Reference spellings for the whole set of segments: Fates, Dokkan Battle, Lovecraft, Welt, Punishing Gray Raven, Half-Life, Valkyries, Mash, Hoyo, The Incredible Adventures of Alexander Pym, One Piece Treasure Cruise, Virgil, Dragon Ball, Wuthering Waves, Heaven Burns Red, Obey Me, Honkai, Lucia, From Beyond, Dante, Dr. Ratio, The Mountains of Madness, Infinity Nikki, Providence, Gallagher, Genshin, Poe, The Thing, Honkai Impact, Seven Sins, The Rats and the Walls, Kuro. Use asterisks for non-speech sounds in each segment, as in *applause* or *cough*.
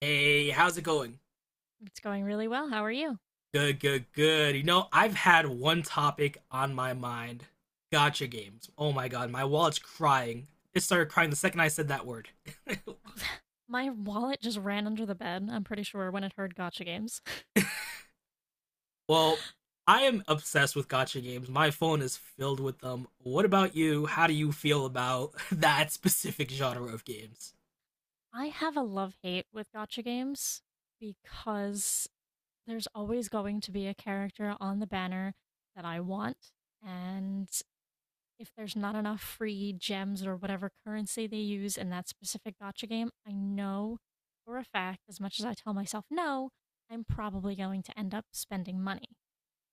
Hey, how's it going? It's going really well. How are you? Good, good, good. You know, I've had one topic on my mind. Gotcha games. Oh my god, my wallet's crying. It started crying the second I said that word. *laughs* *laughs* My wallet just ran under the bed, I'm pretty sure, when it heard gotcha games. Well, I am obsessed with gotcha games. My phone is filled with them. What about you? How do you feel about *laughs* that specific genre of games? I have a love hate with gotcha games because there's always going to be a character on the banner that I want. And if there's not enough free gems or whatever currency they use in that specific gotcha game, I know for a fact, as much as I tell myself no, I'm probably going to end up spending money.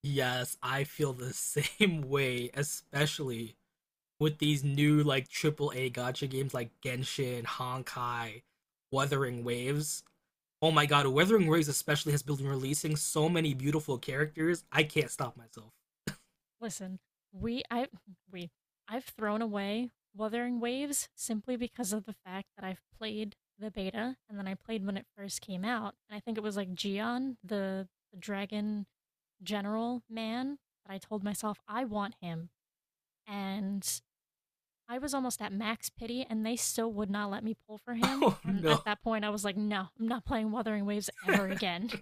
Yes, I feel the *laughs* same way, especially with these new like triple A gotcha games like Genshin, Honkai, Wuthering Waves. Oh my god, Wuthering Waves especially has been releasing so many beautiful characters. I can't stop myself. Listen, we I we I've thrown away Wuthering Waves simply because of the fact that I've played the beta and then I played when it first came out. And I think it was like Gion, the dragon general man, that I told myself I want him. And I was almost at max pity and they still would not let me pull for *laughs* him. Oh And no. at that point I was like, no, I'm not playing Wuthering Waves ever again.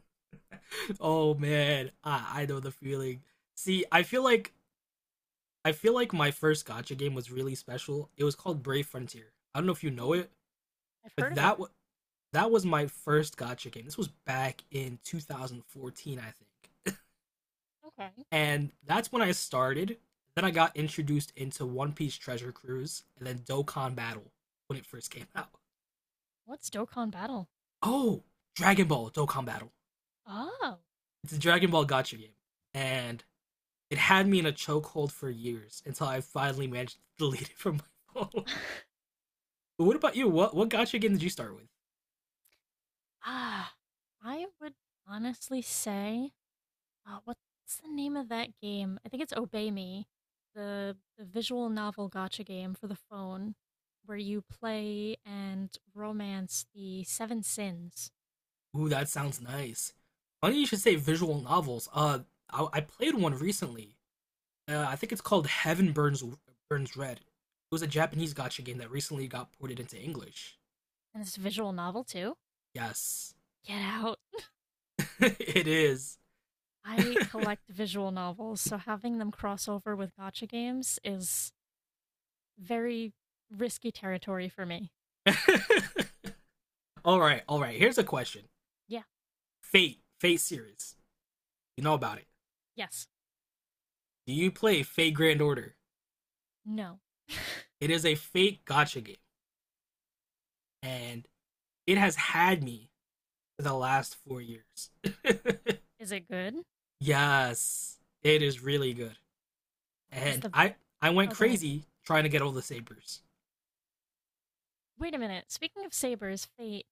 Oh man. I know the feeling. See, I feel like my first gotcha game was really special. It was called Brave Frontier. I don't know if you know Oh, it, I've but heard of it. that was my first gotcha game. This was back in 2014, I think. Okay. And that's when I started. Then I got introduced into One Piece Treasure Cruise, and then Dokkan Battle when it first came out. What's Dokkan Battle? Oh, Dragon Ball Dokkan Battle. Oh. It's a Dragon Ball Gotcha game, and it had me in a chokehold for years until I finally managed to *laughs* delete it from my phone. *laughs* *laughs* But what about you? What Gotcha game did you start with? Ah, I would honestly say, what's the name of that game? I think it's Obey Me, the visual novel gotcha game for the phone, where you play and romance the Seven Sins, Ooh, that sounds nice. Funny you should say visual novels. I played one recently. I think it's called Heaven Burns Red. It was a Japanese gotcha game that recently got ported into English. and it's a visual novel too. Yes, Get out! *laughs* it is. *laughs* I collect visual novels, so having them cross over with gotcha games is very risky territory for me. all right, all right. Here's a question: Yeah. Fate, Fate series. You know about it. Yes. Do you play Fate Grand Order? No. *laughs* It is a Fate gotcha game, and it has had me for the last 4 years. *laughs* Is it good? yes, it is really good, Is and the I went Oh, go ahead. crazy trying to get all the sabers. Wait a minute. Speaking of Saber's Fate,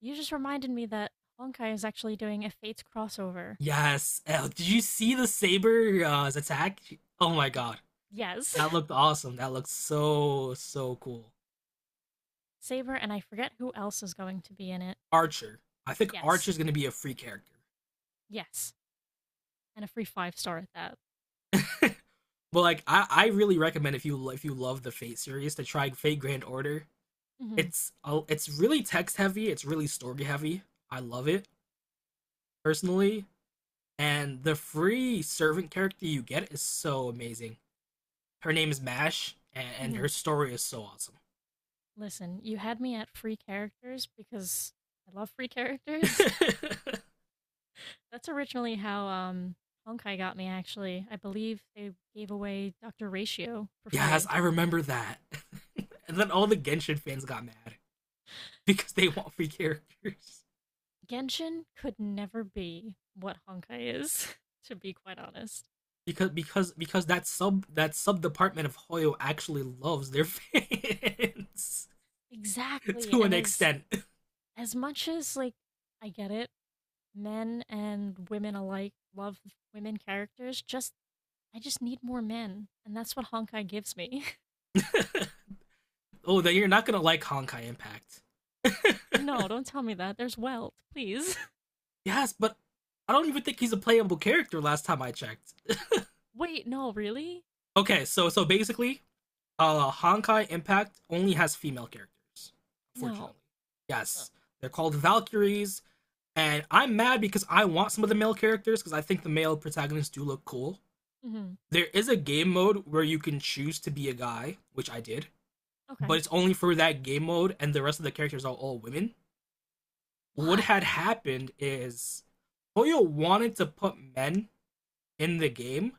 you just reminded me that Honkai is actually doing a Fates crossover. Yes. Oh, did you see the saber attack? Oh my god. Yes. That looked awesome. That looked so so cool. *laughs* Saber, and I forget who else is going to be in it. Archer. I think Yes. Archer's gonna be a free character. Yes. And a free five star at that. *laughs* but like I really recommend if you love the Fate series to try Fate Grand Order. Mm-hmm. It's really text heavy, it's really story heavy. I love it personally. And the free servant character you get is so amazing. Her name is Mash, and Mm-hmm. her story is so Listen, you had me at free characters because I love free characters. awesome. *laughs* *laughs* That's originally how Honkai got me, actually. I believe they gave away Dr. Ratio for Yes, free. I remember that. *laughs* and then all the Genshin fans got mad because they want free characters. Genshin could never be what Honkai is, *laughs* to be quite honest. Because that sub department of Hoyo actually loves their fans *laughs* Exactly. to an And as extent. as much as like I get it, men and women alike love women characters, just I just need more men. And that's what Honkai gives me. *laughs* oh, then you're not gonna like Honkai Impact. *laughs* No, *laughs* don't tell me that. There's wealth, please. yes, but I don't even think he's a playable character last time I checked. *laughs* Wait, no, really? Okay, so so basically, Honkai Impact only has female characters, fortunately. No. Uh, Yes. They're called Valkyries. And I'm mad because I want some of the male characters because I think the male protagonists do look cool. mhm. There is a game mode where you can choose to be a guy, which I did, but Okay. it's only for that game mode and the rest of the characters are all women. What Why? had happened is Toyo wanted to put men in the game,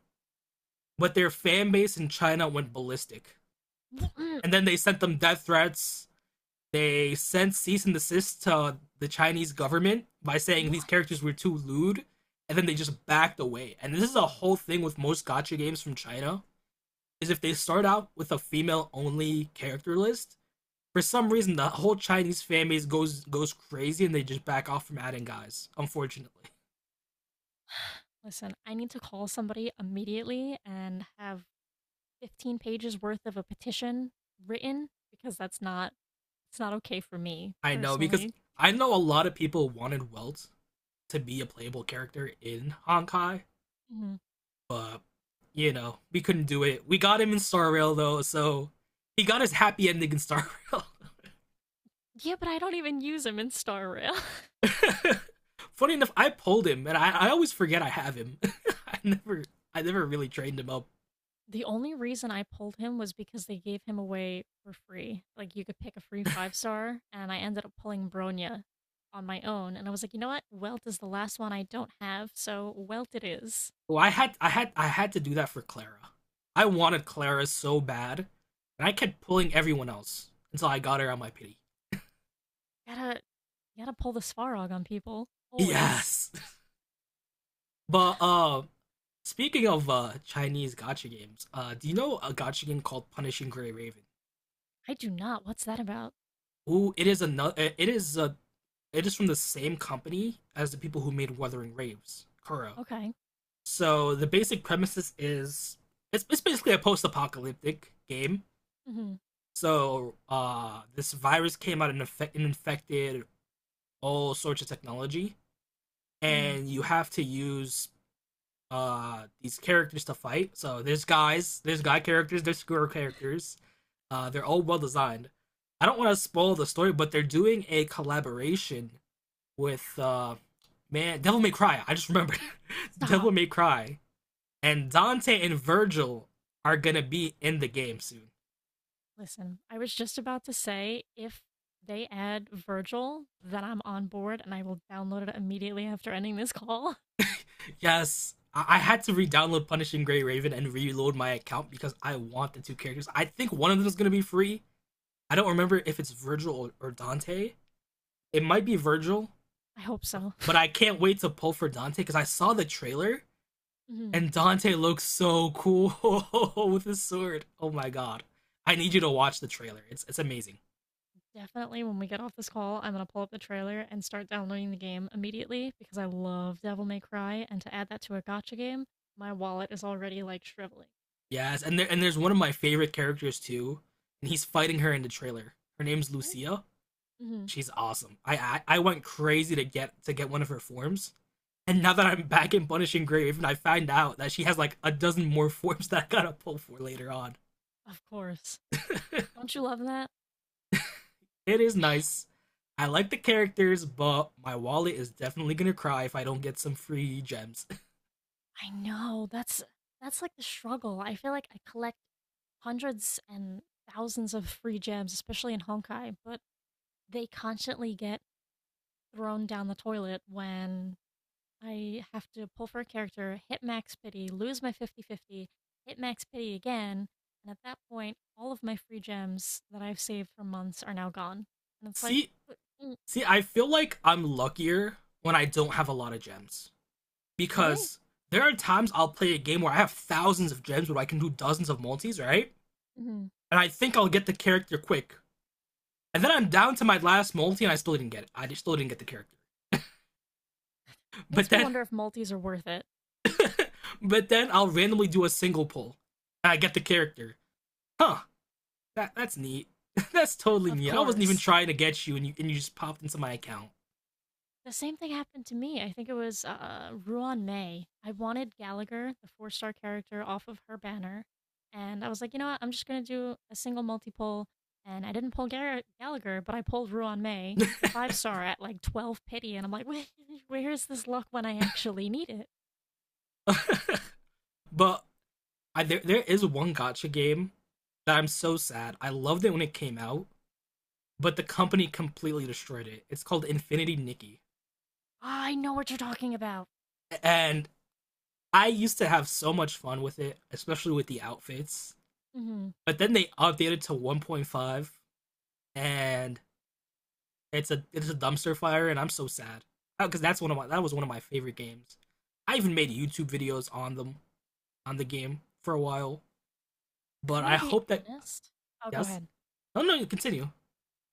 but their fan base in China went ballistic. Wh- mm, And then they sent them death threats, they sent cease and desist to the Chinese government by saying these What? characters were too lewd, and then they just backed away. And this is a whole thing with most gotcha games from China, is if they start out with a female-only character list, for some reason the whole Chinese fan base goes crazy and they just back off from adding guys, unfortunately. Listen, I need to call somebody immediately and have 15 pages worth of a petition written because that's not, it's not okay for me *laughs* I know because personally. I know a lot of people wanted Welt to be a playable character in Honkai, Mhm. but you know we couldn't do it. We got him in Star Rail though, so he got his happy ending in Star Rail. Yeah, but I don't even use him in Star Rail. *laughs* *laughs* Funny enough, I pulled him, and I always forget I have him. *laughs* I never I never really trained him up. The only reason I pulled him was because they gave him away for free. Like you could pick a free five star, and I ended up pulling Bronya on my own. And I was like, you know what? Welt is the last one I don't have, so Welt it is. Well, I had to do that for Clara. I wanted Clara so bad, and I kept pulling everyone else until I got her on my pity. Gotta gotta pull the Svarog on people always. Yes, *laughs* but speaking of Chinese gotcha games, do you know a gotcha game called Punishing Gray Raven? I do not. What's that about? Ooh, it is another. It is a. It is from the same company as the people who made Wuthering Waves, Kuro. Okay. So the basic premises is it's basically a post-apocalyptic game. Hmm. So this virus came out and, infected all sorts of technology, Hmm. and you have to use these characters to fight. So there's guys, there's guy characters, there's girl characters. They're all well designed. I don't want to spoil the story, but they're doing a collaboration with man Devil May Cry. I just remembered *laughs* Stop. Devil May Cry, and Dante and Virgil are gonna be in the game soon. Listen, I was just about to say if they add Virgil, then I'm on board and I will download it immediately after ending this *laughs* call. Yes, I had to re-download Punishing Gray Raven and reload my account because I want the two characters. I think one of them is gonna be free. I don't remember if it's Virgil or Dante. It might be Virgil, I hope so. but *laughs* I can't wait to pull for Dante because I saw the trailer Mhm. and Dante looks so cool *laughs* with his sword. Oh my god. I need you to watch the trailer. It's amazing. Definitely when we get off this call, I'm going to pull up the trailer and start downloading the game immediately because I love Devil May Cry. And to add that to a gotcha game, my wallet is already like shriveling. Yes, and there and there's one of my favorite characters too, and he's fighting her in the trailer. Her name's Lucia. Hmm. She's awesome. I went crazy to get one of her forms. And now that I'm back in Punishing Grave, I find out that she has like a dozen more *laughs* forms that I gotta pull for later on. Of course. Don't you love that? It is I, nice. I like the characters, but my wallet is definitely gonna cry if I don't get some free gems. *laughs* I know. That's like the struggle. I feel like I collect hundreds and thousands of free gems, especially in Honkai, but they constantly get thrown down the toilet when I have to pull for a character, hit max pity, lose my fifty-fifty, hit max pity again, and at that point, all of my free gems that I've saved for months are now gone. And it's like, see, w- mm, see, I feel like I'm luckier when I don't have a lot of gems, really? because there are times I'll play a game where I have thousands of gems where I can do dozens of multis, right? Hmm. And I think I'll get the character quick. And then I'm down to my last multi and I still didn't get it. I just still didn't get the character. *laughs* But Makes me then wonder if multis are worth it. but then I'll randomly do a single pull. And I get the character. Huh. That that's neat. *laughs* that's totally Of neat. I wasn't even course. trying to get you and you just popped into my account. The same thing happened to me. I think it was Ruan May. I wanted Gallagher, the four-star character, off of her banner. And I was like, you know what? I'm just going to do a single multi pull. And I didn't pull Gallagher, but I pulled Ruan May, the five star, at like 12 pity. And I'm like, wait, where *laughs* is this luck when I actually need it? But I, there is one gotcha game that I'm so sad. I loved it when it came out, but the company completely destroyed it. It's called Infinity Nikki. I know what you're talking about. And I used to have so much fun with it, especially with the outfits. Hmm. But then they updated to 1.5, and it's a dumpster fire, and I'm so sad because that was one of my favorite games. I even made YouTube videos on them on the game for a while. But I'm going I to be hope that honest. Oh, go yes, ahead. no, no, continue.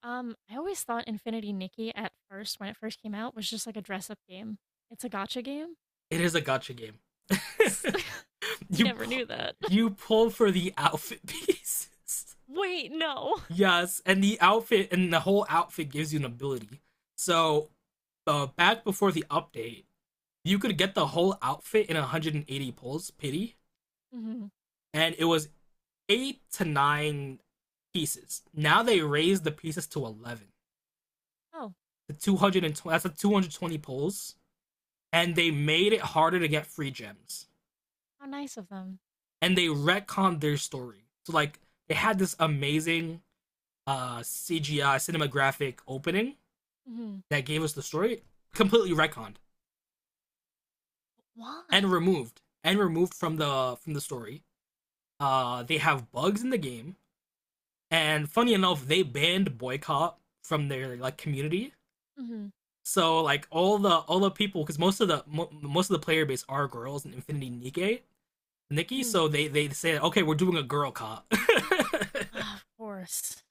I always thought Infinity Nikki at first, when it first came out, was just like a dress up game. It's a gotcha game, It is a gotcha game. *laughs* *laughs* I you never pu- knew that. you pull for the outfit *laughs* pieces. *laughs* Wait, no. Yes, and the outfit and the whole outfit gives you an ability. So, back before the update, you could get the whole outfit in 180 pulls, pity, Mm-hmm. and it was eight to nine pieces. Now they raised the pieces to 11. Oh, The 220 that's the 220 pulls, and they made it harder to get free gems. how nice of them. And they retconned their story. So like they had this amazing CGI cinematographic opening Mm-hmm. that gave us the story completely retconned. Why? And removed from the story. They have bugs in the game, and funny enough, they banned boycott from their like community. Mm-hmm. So like all the people, because most of most of the player base are girls in Infinity Nikki, Nikki. Mm-hmm. So they say okay, we're doing a girl cop. Ah, of *laughs* course.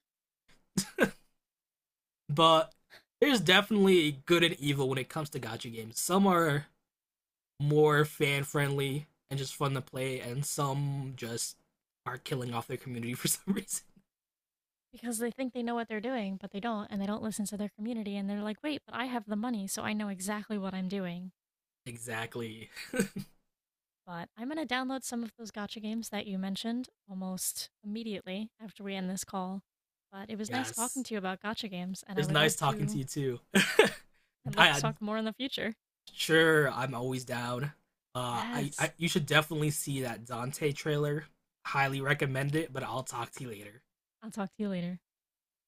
but there's definitely good and evil when it comes to gacha games. Some are more fan friendly and just fun to play, and some just are killing off their community *laughs* for some reason. Because they think they know what they're doing, but they don't, and they don't listen to their community, and they're like, wait, but I have the money, so I know exactly what I'm doing. Exactly. But I'm going to download some of those gotcha games that you mentioned almost immediately after we end this call. But it was nice talking Yes. to you about gotcha games, and It I was would nice love talking to to. you too. *laughs* I'd I love to I- talk more in the future. sure I'm always down. I Yes. you should definitely see that Dante trailer. Highly recommend it, but I'll talk to you later. I'll talk to you later.